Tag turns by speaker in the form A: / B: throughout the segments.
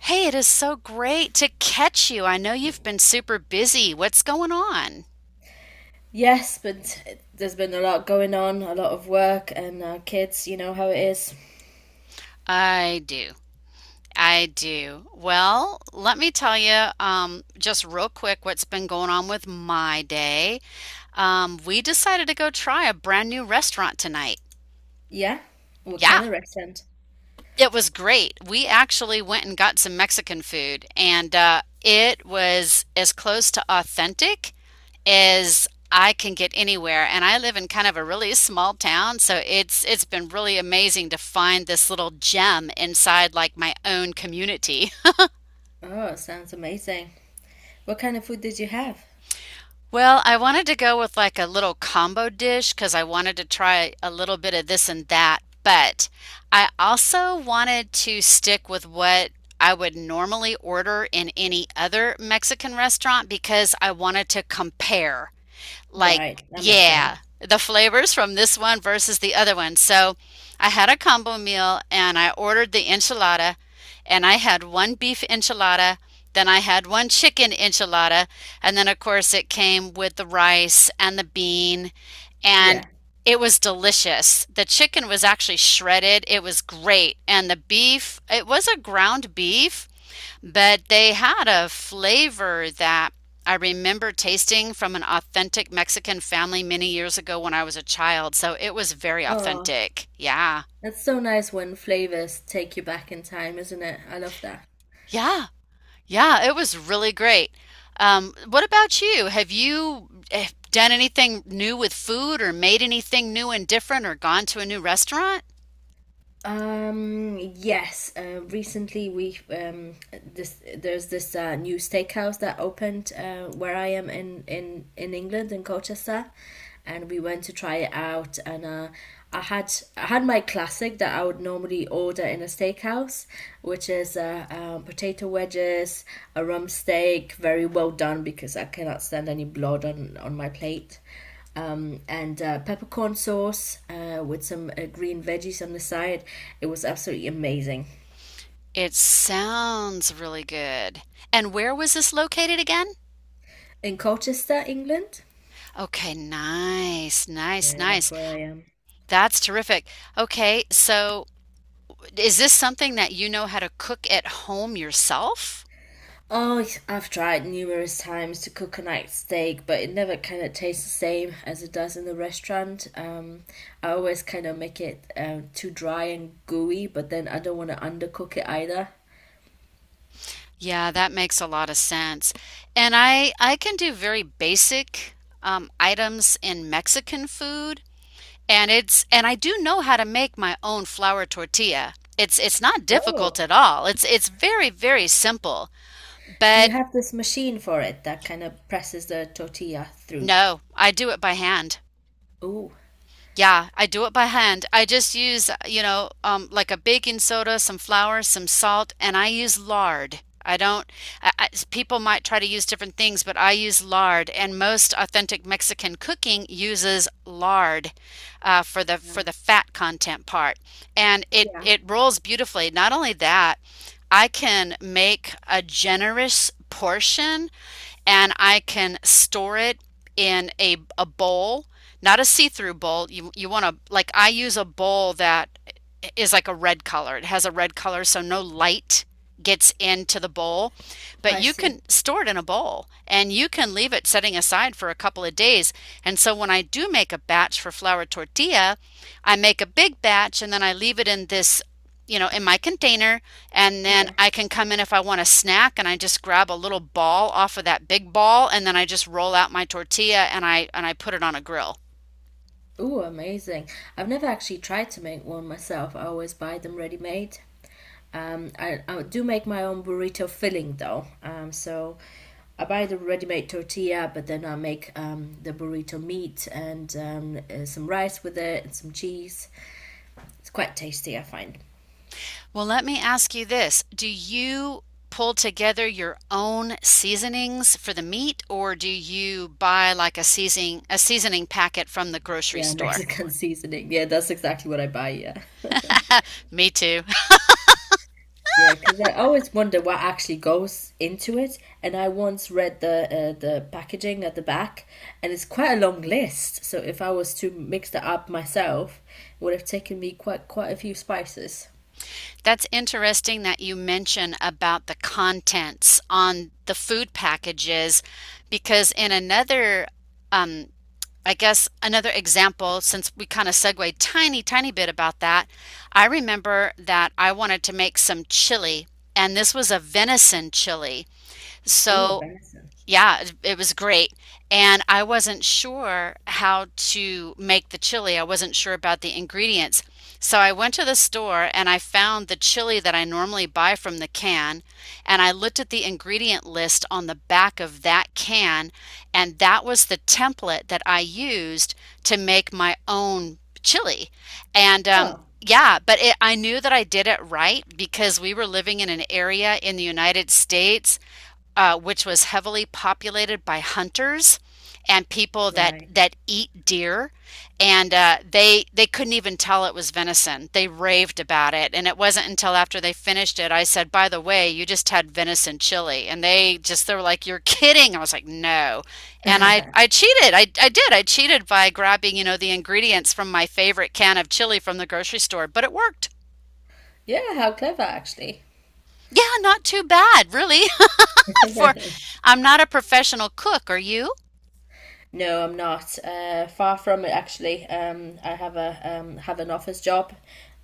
A: Hey, it is so great to catch you. I know you've been super busy. What's going on?
B: Yes, but there's been a lot going on, a lot of work and kids, you know how it is.
A: I do. I do. Well, let me tell you just real quick what's been going on with my day. We decided to go try a brand new restaurant tonight.
B: Yeah? What
A: Yeah.
B: kind of restaurant?
A: It was great. We actually went and got some Mexican food, and it was as close to authentic as I can get anywhere. And I live in kind of a really small town, so it's been really amazing to find this little gem inside like my own community.
B: Oh, sounds amazing. What kind of food did you have?
A: Well, I wanted to go with like a little combo dish because I wanted to try a little bit of this and that, but I also wanted to stick with what I would normally order in any other Mexican restaurant because I wanted to compare
B: Right,
A: like,
B: that makes
A: yeah,
B: sense.
A: the flavors from this one versus the other one. So I had a combo meal and I ordered the enchilada and I had one beef enchilada, then I had one chicken enchilada, and then of course it came with the rice and the bean and
B: Yeah.
A: it was delicious. The chicken was actually shredded. It was great. And the beef, it was a ground beef, but they had a flavor that I remember tasting from an authentic Mexican family many years ago when I was a child. So it was very
B: Oh,
A: authentic. Yeah.
B: that's so nice when flavors take you back in time, isn't it? I love that.
A: Yeah. Yeah. It was really great. What about you? Have you done anything new with food or made anything new and different or gone to a new restaurant?
B: Yes. Recently, we this there's this new steakhouse that opened where I am in England, in Colchester, and we went to try it out. And I had my classic that I would normally order in a steakhouse, which is potato wedges, a rump steak, very well done because I cannot stand any blood on my plate and peppercorn sauce with some green veggies on the side. It was absolutely amazing.
A: It sounds really good. And where was this located again?
B: In Colchester, England?
A: Okay, nice, nice,
B: Yeah, that's
A: nice.
B: where I am.
A: That's terrific. Okay, so is this something that you know how to cook at home yourself?
B: Oh, yes, I've tried numerous times to cook a night steak, but it never kind of tastes the same as it does in the restaurant. I always kind of make it too dry and gooey, but then I don't want to undercook it either.
A: Yeah, that makes a lot of sense. And I can do very basic items in Mexican food, and it's and I do know how to make my own flour tortilla. It's not difficult
B: Oh,
A: at all. It's very, very simple.
B: do you
A: But
B: have this machine for it that kind of presses the tortilla through?
A: no, I do it by hand.
B: Oh,
A: Yeah, I do it by hand. I just use, like a baking soda, some flour, some salt, and I use lard. I don't, I, people might try to use different things, but I use lard, and most authentic Mexican cooking uses lard for the
B: yeah.
A: for the fat content part, and it
B: Yeah,
A: it rolls beautifully. Not only that, I can make a generous portion and I can store it in a bowl, not a see-through bowl. You want to like I use a bowl that is like a red color. It has a red color, so no light gets into the bowl, but
B: I
A: you can
B: see.
A: store it in a bowl and you can leave it setting aside for a couple of days. And so when I do make a batch for flour tortilla, I make a big batch and then I leave it in this, you know, in my container. And then
B: Yeah.
A: I can come in if I want a snack and I just grab a little ball off of that big ball and then I just roll out my tortilla and I put it on a grill.
B: Ooh, amazing. I've never actually tried to make one myself. I always buy them ready-made. I do make my own burrito filling though. So I buy the ready-made tortilla, but then I make the burrito meat and some rice with it and some cheese. It's quite tasty, I find.
A: Well, let me ask you this. Do you pull together your own seasonings for the meat, or do you buy like a seasoning packet from the grocery
B: Yeah,
A: store?
B: Mexican seasoning. Yeah, that's exactly what I buy. Yeah.
A: Me too.
B: Yeah, because I always wonder what actually goes into it. And I once read the packaging at the back, and it's quite a long list. So if I was to mix that up myself, it would have taken me quite a few spices.
A: That's interesting that you mention about the contents on the food packages because in another um, I guess another example, since we kind of segued tiny, tiny bit about that, I remember that I wanted to make some chili, and this was a venison chili.
B: Oh,
A: So
B: venison.
A: yeah, it was great. And I wasn't sure how to make the chili. I wasn't sure about the ingredients. So I went to the store and I found the chili that I normally buy from the can. And I looked at the ingredient list on the back of that can. And that was the template that I used to make my own chili. And
B: Oh,
A: yeah, but it, I knew that I did it right because we were living in an area in the United States which was heavily populated by hunters and people that
B: right.
A: that eat deer and they couldn't even tell it was venison. They raved about it, and it wasn't until after they finished it I said, by the way, you just had venison chili. And they just, they were like, you're kidding. I was like, no. And I did I cheated by grabbing, you know, the ingredients from my favorite can of chili from the grocery store, but it worked.
B: Yeah, how clever actually.
A: Yeah, not too bad really. For, I'm not a professional cook, are you?
B: No, I'm not. Far from it, actually. I have a have an office job,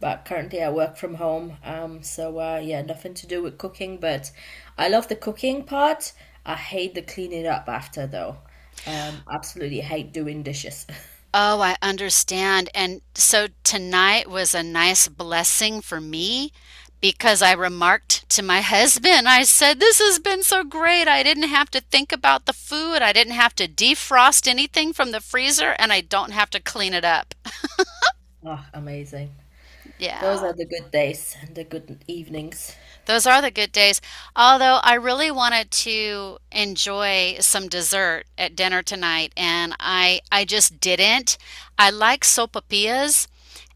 B: but currently I work from home. So yeah, nothing to do with cooking. But I love the cooking part. I hate the cleaning up after, though. Absolutely hate doing dishes.
A: Oh, I understand. And so tonight was a nice blessing for me because I remarked to my husband, I said, this has been so great. I didn't have to think about the food. I didn't have to defrost anything from the freezer, and I don't have to clean it up.
B: Oh, amazing. Those
A: Yeah.
B: are the good days and the good evenings.
A: Those are the good days. Although I really wanted to enjoy some dessert at dinner tonight and I just didn't. I like sopapillas,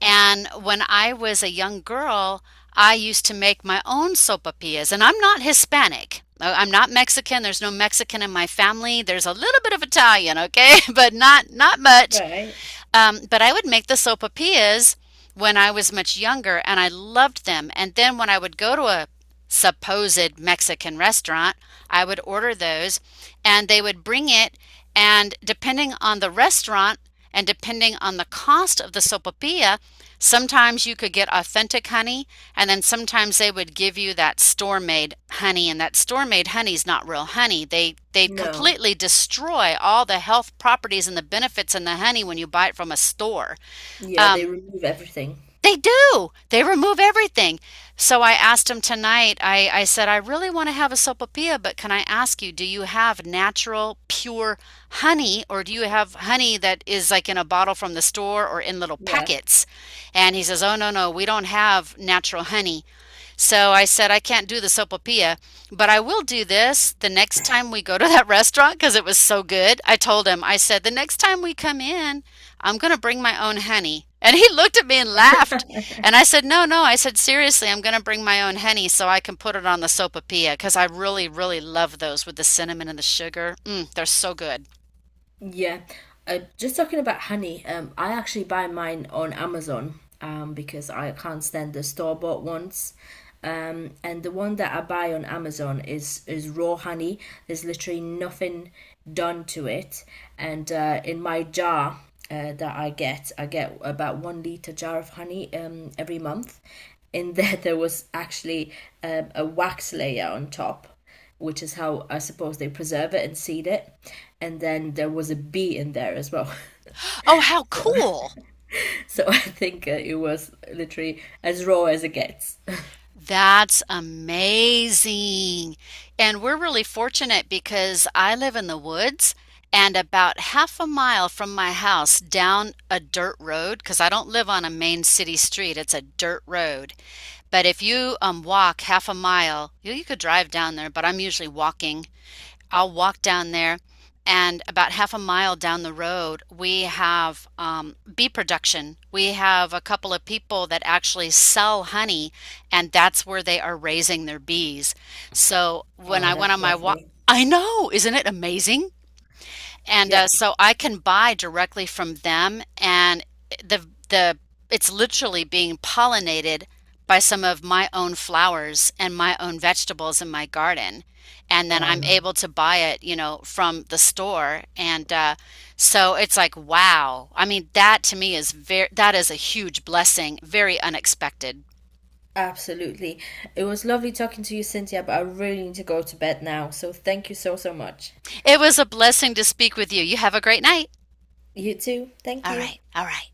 A: and when I was a young girl, I used to make my own sopapillas, and I'm not Hispanic. I'm not Mexican. There's no Mexican in my family. There's a little bit of Italian, okay? But not much.
B: Right.
A: But I would make the sopapillas when I was much younger and I loved them. And then when I would go to a supposed Mexican restaurant, I would order those and they would bring it. And depending on the restaurant and depending on the cost of the sopapilla, sometimes you could get authentic honey, and then sometimes they would give you that store-made honey, and that store-made honey is not real honey. They
B: No.
A: completely destroy all the health properties and the benefits in the honey when you buy it from a store.
B: Yeah, they
A: Um,
B: remove everything.
A: they do. They remove everything. So I asked him tonight, I said, I really want to have a sopapilla, but can I ask you, do you have natural, pure honey, or do you have honey that is like in a bottle from the store or in little
B: Yeah.
A: packets? And he says, oh, no, no, we don't have natural honey. So I said, I can't do the sopapilla, but I will do this the next time we go to that restaurant because it was so good. I told him, I said, the next time we come in, I'm going to bring my own honey. And he looked at me and laughed. And I said, no, no. I said, seriously, I'm going to bring my own honey so I can put it on the sopapilla because I really, really love those with the cinnamon and the sugar. Mm, they're so good.
B: Yeah. Just talking about honey, I actually buy mine on Amazon because I can't stand the store-bought ones. And the one that I buy on Amazon is raw honey. There's literally nothing done to it. And in my jar that I get about 1 liter jar of honey every month. In there was actually a wax layer on top, which is how I suppose they preserve it and seed it. And then there was a bee in there as well.
A: Oh, how cool.
B: So I think it was literally as raw as it gets.
A: That's amazing. And we're really fortunate because I live in the woods and about half a mile from my house down a dirt road, because I don't live on a main city street, it's a dirt road. But if you walk half a mile, you could drive down there, but I'm usually walking. I'll walk down there. And about half a mile down the road, we have bee production. We have a couple of people that actually sell honey, and that's where they are raising their bees. So when
B: Oh,
A: I went
B: that's
A: on my walk,
B: lovely.
A: I know, isn't it amazing? And
B: Yeah.
A: so I can buy directly from them, and the it's literally being pollinated by some of my own flowers and my own vegetables in my garden. And then I'm
B: Oh.
A: able to buy it, you know, from the store. And so it's like, wow. I mean, that to me is very, that is a huge blessing, very unexpected.
B: Absolutely. It was lovely talking to you, Cynthia, but I really need to go to bed now. So thank you so, so much.
A: It was a blessing to speak with you. You have a great night.
B: You too. Thank
A: All
B: you.
A: right. All right.